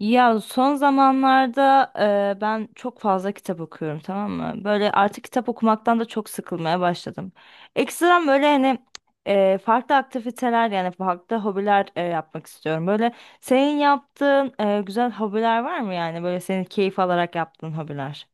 Ya son zamanlarda ben çok fazla kitap okuyorum, tamam mı? Böyle artık kitap okumaktan da çok sıkılmaya başladım. Ekstradan böyle hani farklı aktiviteler, yani farklı hobiler yapmak istiyorum. Böyle senin yaptığın güzel hobiler var mı yani? Böyle senin keyif alarak yaptığın hobiler.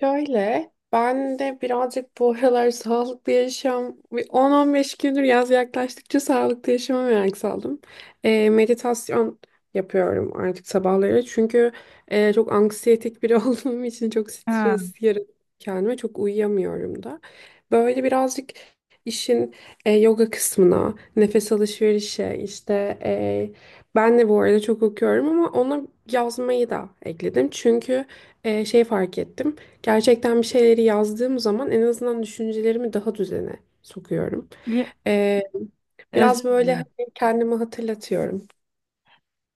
Şöyle, ben de birazcık bu aralar sağlıklı yaşam, bir 10-15 gündür yaz yaklaştıkça sağlıklı yaşama merak saldım. Meditasyon yapıyorum artık sabahları. Çünkü çok anksiyetik biri olduğum için çok Ha. stres yaratıyorum kendime, çok uyuyamıyorum da. Böyle birazcık işin yoga kısmına, nefes alışverişe, işte ben de bu arada çok okuyorum ama ona yazmayı da ekledim. Çünkü şey fark ettim. Gerçekten bir şeyleri yazdığım zaman en azından düşüncelerimi daha düzene sokuyorum. bili- Ee, Özür biraz böyle hani dilerim. kendime hatırlatıyorum.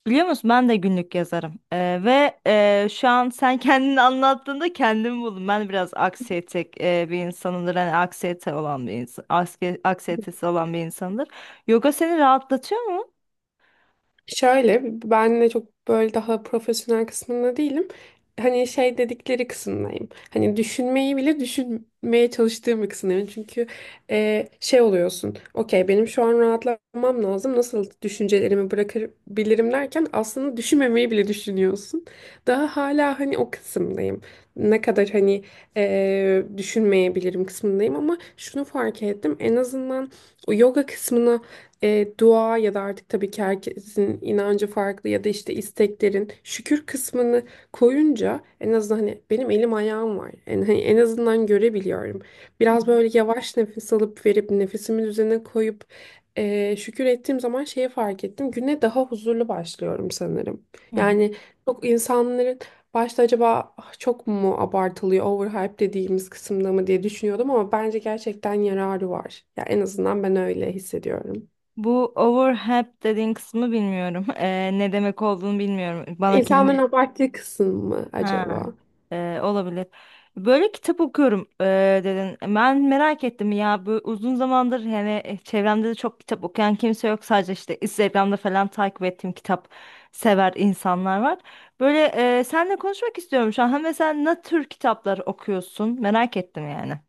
Biliyor musun, ben de günlük yazarım. Ve şu an sen kendini anlattığında kendimi buldum. Ben biraz aksiyetek bir insanımdır. Hani aksiyete olan bir insan, aksiyetesi olan bir insandır. Yoga seni rahatlatıyor mu? Şöyle ben de çok böyle daha profesyonel kısmında değilim. Hani şey dedikleri kısımdayım. Hani düşünmeyi bile düşünmeye çalıştığım bir kısımdayım. Çünkü şey oluyorsun. Okey, benim şu an rahatlamam lazım. Nasıl düşüncelerimi bırakabilirim derken aslında düşünmemeyi bile düşünüyorsun. Daha hala hani o kısımdayım. Ne kadar hani düşünmeyebilirim kısmındayım ama şunu fark ettim. En azından o yoga kısmına dua ya da artık tabii ki herkesin inancı farklı ya da işte isteklerin şükür kısmını koyunca en azından hani benim elim ayağım var. Hani en azından görebiliyorum. Biraz böyle yavaş nefes alıp verip nefesimin üzerine koyup şükür ettiğim zaman şeye fark ettim. Güne daha huzurlu başlıyorum sanırım. Hı hı. Yani çok insanların başta acaba, "Ah, çok mu abartılıyor, overhype dediğimiz kısımda mı" diye düşünüyordum ama bence gerçekten yararı var. Ya en azından ben öyle hissediyorum. Bu overhead dediğin kısmı bilmiyorum. Ne demek olduğunu bilmiyorum. Bana kelime... İnsanların abarttığı kısım mı Ha. acaba? Olabilir. Böyle kitap okuyorum, dedin. Ben merak ettim ya, bu uzun zamandır hani çevremde de çok kitap okuyan kimse yok. Sadece işte Instagram'da falan takip ettiğim kitap sever insanlar var. Böyle seninle konuşmak istiyorum şu an. Ha, mesela ne tür kitaplar okuyorsun? Merak ettim yani.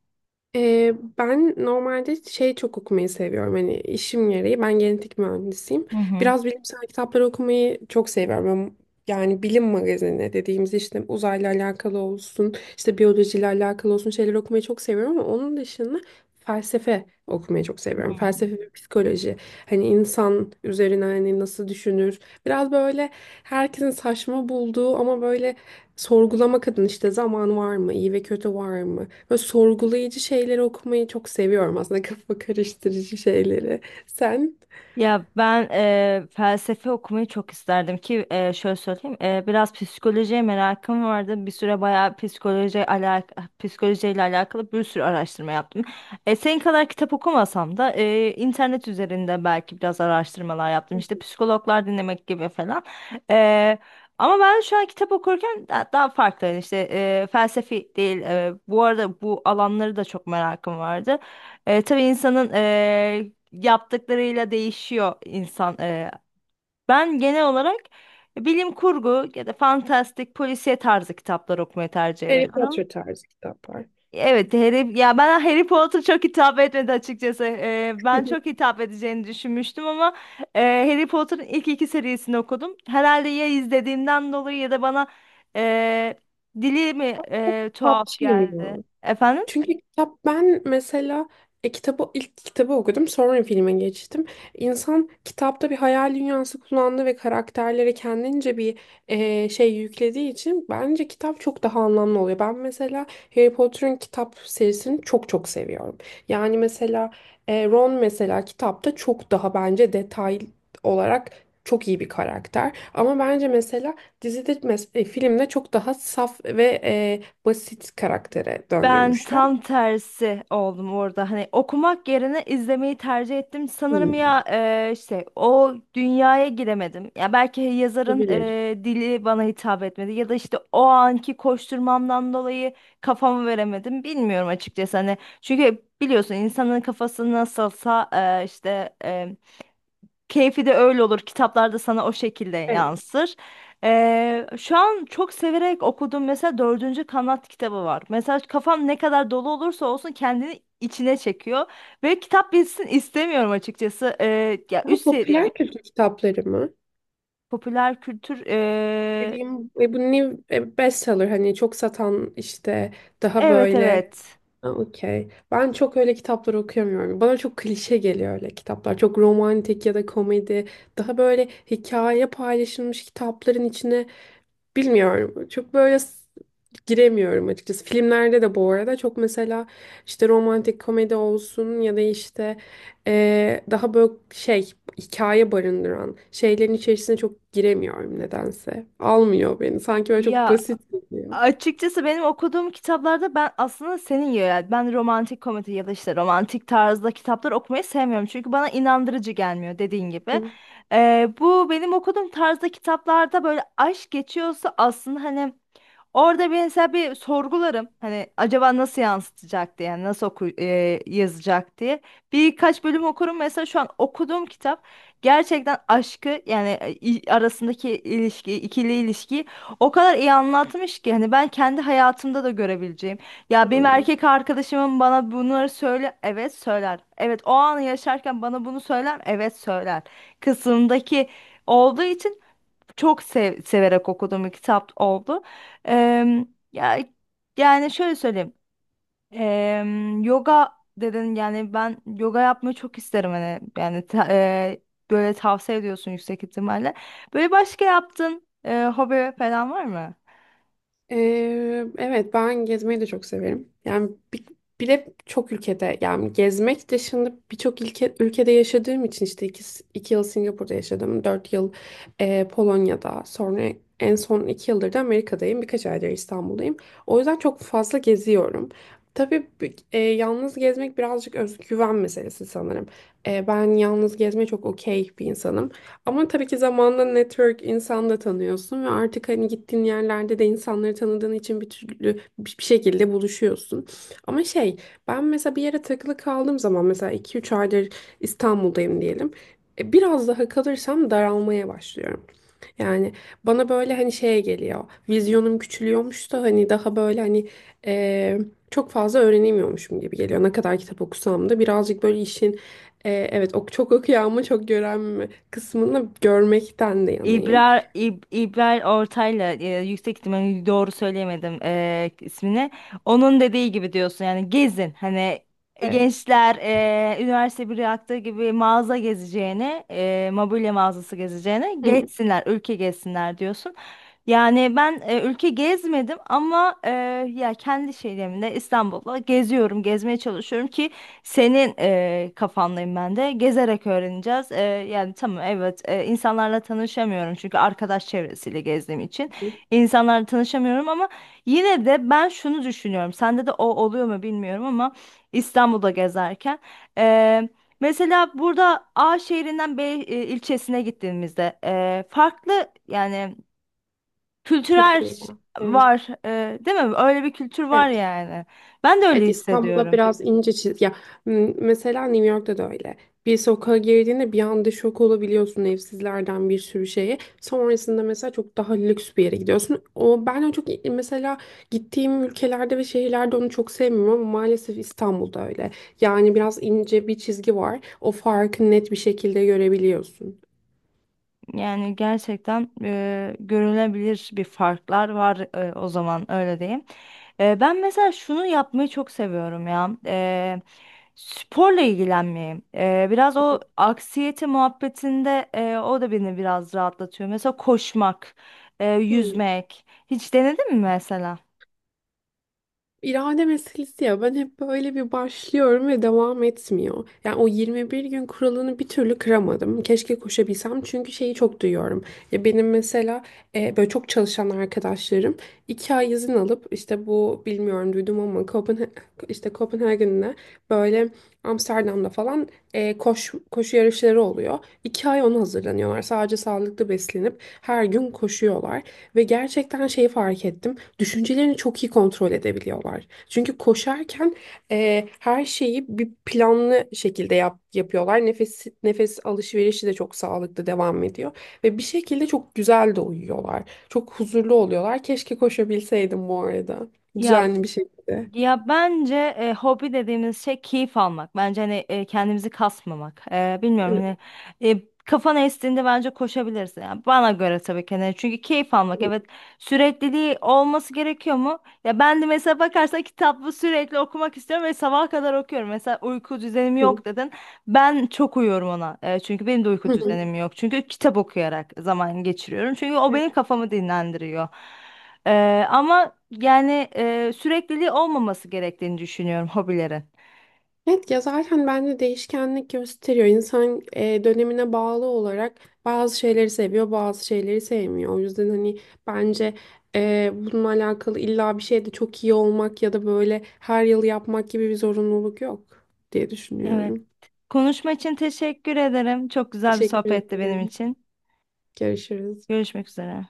Ee, ben normalde şey çok okumayı seviyorum. Hani işim gereği ben genetik mühendisiyim. Hı hı. Biraz bilimsel kitapları okumayı çok seviyorum. Yani bilim magazini dediğimiz işte uzayla alakalı olsun, işte biyolojiyle alakalı olsun şeyler okumayı çok seviyorum ama onun dışında felsefe okumayı çok Hı. seviyorum. Felsefe ve psikoloji. Hani insan üzerine hani nasıl düşünür? Biraz böyle herkesin saçma bulduğu ama böyle sorgulamak adına işte zaman var mı, iyi ve kötü var mı? Böyle sorgulayıcı şeyleri okumayı çok seviyorum aslında kafa karıştırıcı şeyleri. Sen? Ya ben felsefe okumayı çok isterdim ki şöyle söyleyeyim, biraz psikolojiye merakım vardı, bir süre bayağı psikolojiyle alakalı bir sürü araştırma yaptım. E, senin kadar kitap okumasam da internet üzerinde belki biraz araştırmalar yaptım, işte psikologlar dinlemek gibi falan. Eee, Ama ben şu an kitap okurken daha farklı, yani işte felsefi değil, bu arada bu alanları da çok merakım vardı. E, tabii insanın yaptıklarıyla değişiyor insan. Ben genel olarak bilim kurgu ya da fantastik polisiye tarzı kitaplar okumayı tercih Harry ediyorum. Potter tarzı kitaplar. Evet, Harry, ya ben Harry Potter çok hitap etmedi açıkçası. Ben çok hitap edeceğini düşünmüştüm ama Harry Potter'ın ilk iki serisini okudum. Herhalde ya izlediğimden dolayı ya da bana e, dili mi tuhaf Kitapçıyım geldi. ya. Efendim? Çünkü kitap ben mesela ilk kitabı okudum sonra filme geçtim. İnsan kitapta bir hayal dünyası kullandığı ve karakterlere kendince bir şey yüklediği için bence kitap çok daha anlamlı oluyor. Ben mesela Harry Potter'ın kitap serisini çok çok seviyorum. Yani mesela Ron mesela kitapta çok daha bence detay olarak çok iyi bir karakter. Ama bence mesela dizide filmde çok daha saf ve basit karaktere Ben döndürmüşler. tam tersi oldum orada. Hani okumak yerine izlemeyi tercih ettim. Sanırım Hı, ya, işte o dünyaya giremedim. Ya belki yazarın olabilir. Dili bana hitap etmedi ya da işte o anki koşturmamdan dolayı kafamı veremedim. Bilmiyorum açıkçası hani. Çünkü biliyorsun insanın kafası nasılsa işte keyfi de öyle olur. Kitaplarda sana o şekilde Evet. yansır. Şu an çok severek okuduğum mesela dördüncü kanat kitabı var. Mesela kafam ne kadar dolu olursa olsun kendini içine çekiyor. Ve kitap bitsin istemiyorum açıkçası. Ya Daha üst seviye popüler kültür kitapları mı? popüler kültür. Dediğim ve bu new bestseller, hani çok satan, işte daha Evet, böyle. evet. Ha, okey. Ben çok öyle kitaplar okuyamıyorum. Bana çok klişe geliyor öyle kitaplar. Çok romantik ya da komedi. Daha böyle hikaye paylaşılmış kitapların içine, bilmiyorum. Çok böyle giremiyorum açıkçası. Filmlerde de bu arada çok mesela işte romantik komedi olsun ya da işte daha böyle şey hikaye barındıran şeylerin içerisine çok giremiyorum nedense. Almıyor beni. Sanki böyle çok Ya, basit geliyor. açıkçası benim okuduğum kitaplarda, ben aslında senin gibi, yani ben romantik komedi ya da işte romantik tarzda kitaplar okumayı sevmiyorum. Çünkü bana inandırıcı gelmiyor, dediğin gibi. Hı. Bu benim okuduğum tarzda kitaplarda böyle aşk geçiyorsa, aslında hani orada mesela bir sorgularım. Hani acaba nasıl yansıtacak diye, yani yazacak diye. Birkaç bölüm okurum. Mesela şu an okuduğum kitap gerçekten aşkı, yani arasındaki ilişki, ikili ilişkiyi o kadar iyi anlatmış ki, hani ben kendi hayatımda da görebileceğim. Ya benim Hı. erkek arkadaşımın bana bunları söyle, evet söyler. Evet, o anı yaşarken bana bunu söyler, evet söyler. Kısımdaki olduğu için çok severek okuduğum bir kitap oldu. Em, Ya, yani şöyle söyleyeyim. Yoga dedin, yani ben yoga yapmayı çok isterim, hani yani böyle tavsiye ediyorsun yüksek ihtimalle. Böyle başka yaptığın hobi falan var mı? Evet ben gezmeyi de çok severim. Yani bir de çok ülkede, yani gezmek dışında birçok ülkede yaşadığım için, işte iki yıl Singapur'da yaşadım. 4 yıl Polonya'da, sonra en son 2 yıldır da Amerika'dayım. Birkaç aydır İstanbul'dayım. O yüzden çok fazla geziyorum. Tabii yalnız gezmek birazcık özgüven meselesi sanırım. Ben yalnız gezmeye çok okey bir insanım. Ama tabii ki zamanla network, insan da tanıyorsun ve artık hani gittiğin yerlerde de insanları tanıdığın için bir türlü bir şekilde buluşuyorsun. Ama şey, ben mesela bir yere takılı kaldığım zaman, mesela 2-3 aydır İstanbul'dayım diyelim. Biraz daha kalırsam daralmaya başlıyorum. Yani bana böyle hani şeye geliyor. Vizyonum küçülüyormuş da hani, daha böyle hani eee, çok fazla öğrenemiyormuşum gibi geliyor. Ne kadar kitap okusam da birazcık böyle işin evet ok, çok okuyan mı çok gören mi kısmını görmekten de yanayım. İbrar, İbrahim Ortaylı, yüksek ihtimalle doğru söyleyemedim ismini. Onun dediği gibi diyorsun, yani gezin. Hani Evet. gençler üniversite bir yaptığı gibi mağaza gezeceğini, mobilya mağazası gezeceğini Hı hı gezsinler, ülke gezsinler diyorsun. Yani ben ülke gezmedim ama ya kendi şeylerimle İstanbul'da geziyorum, gezmeye çalışıyorum ki senin kafandayım ben de. Gezerek öğreneceğiz. E, yani tamam, evet, insanlarla tanışamıyorum çünkü arkadaş çevresiyle gezdiğim için hı. insanlarla tanışamıyorum ama yine de ben şunu düşünüyorum. Sende de o oluyor mu bilmiyorum ama İstanbul'da gezerken e, mesela burada A şehrinden B ilçesine gittiğimizde farklı yani kültürel Kültür var. Evet. var, değil mi? Öyle bir kültür var Evet. yani. Ben de öyle Evet, İstanbul'da hissediyorum. biraz ince çiz ya, mesela New York'ta da öyle. Bir sokağa girdiğinde bir anda şok olabiliyorsun, evsizlerden bir sürü şeye. Sonrasında mesela çok daha lüks bir yere gidiyorsun. O, ben o çok, mesela gittiğim ülkelerde ve şehirlerde, onu çok sevmiyorum ama maalesef İstanbul'da öyle. Yani biraz ince bir çizgi var. O farkı net bir şekilde görebiliyorsun. Yani gerçekten görülebilir bir farklar var, o zaman öyle diyeyim. E, ben mesela şunu yapmayı çok seviyorum ya. Sporla ilgilenmeyi. E, biraz o aksiyete muhabbetinde o da beni biraz rahatlatıyor. Mesela koşmak, Hmm. yüzmek. Hiç denedin mi mesela? İrade meselesi ya, ben hep böyle bir başlıyorum ve devam etmiyor. Yani o 21 gün kuralını bir türlü kıramadım. Keşke koşabilsem çünkü şeyi çok duyuyorum. Ya benim mesela böyle çok çalışan arkadaşlarım 2 ay izin alıp, işte bu, bilmiyorum, duydum ama işte Kopenhagen'de, böyle Amsterdam'da falan koşu yarışları oluyor. 2 ay ona hazırlanıyorlar. Sadece sağlıklı beslenip her gün koşuyorlar. Ve gerçekten şeyi fark ettim, düşüncelerini çok iyi kontrol edebiliyorlar. Çünkü koşarken her şeyi bir planlı şekilde yapıyorlar. Nefes alışverişi de çok sağlıklı devam ediyor ve bir şekilde çok güzel de uyuyorlar. Çok huzurlu oluyorlar. Keşke koşabilseydim bu arada. Ya. Düzenli bir şekilde. Ya bence hobi dediğimiz şey keyif almak. Bence hani kendimizi kasmamak. E, bilmiyorum hani kafana estiğinde bence koşabilirsin. Yani bana göre tabii ki. Hani çünkü keyif almak, evet, sürekliliği olması gerekiyor mu? Ya ben de mesela bakarsan kitabı sürekli okumak istiyorum ve sabaha kadar okuyorum. Mesela uyku düzenim Evet. yok, dedin. Ben çok uyuyorum ona. Çünkü benim de uyku düzenim yok. Çünkü kitap okuyarak zaman geçiriyorum. Çünkü o benim kafamı dinlendiriyor. Ama yani sürekliliği olmaması gerektiğini düşünüyorum hobilerin. Evet ya, zaten bence değişkenlik gösteriyor. İnsan dönemine bağlı olarak bazı şeyleri seviyor, bazı şeyleri sevmiyor. O yüzden hani bence bununla alakalı illa bir şeyde çok iyi olmak ya da böyle her yıl yapmak gibi bir zorunluluk yok diye Evet. düşünüyorum. Konuşma için teşekkür ederim. Çok güzel bir Teşekkür sohbetti benim ederim. için. Görüşürüz. Görüşmek üzere.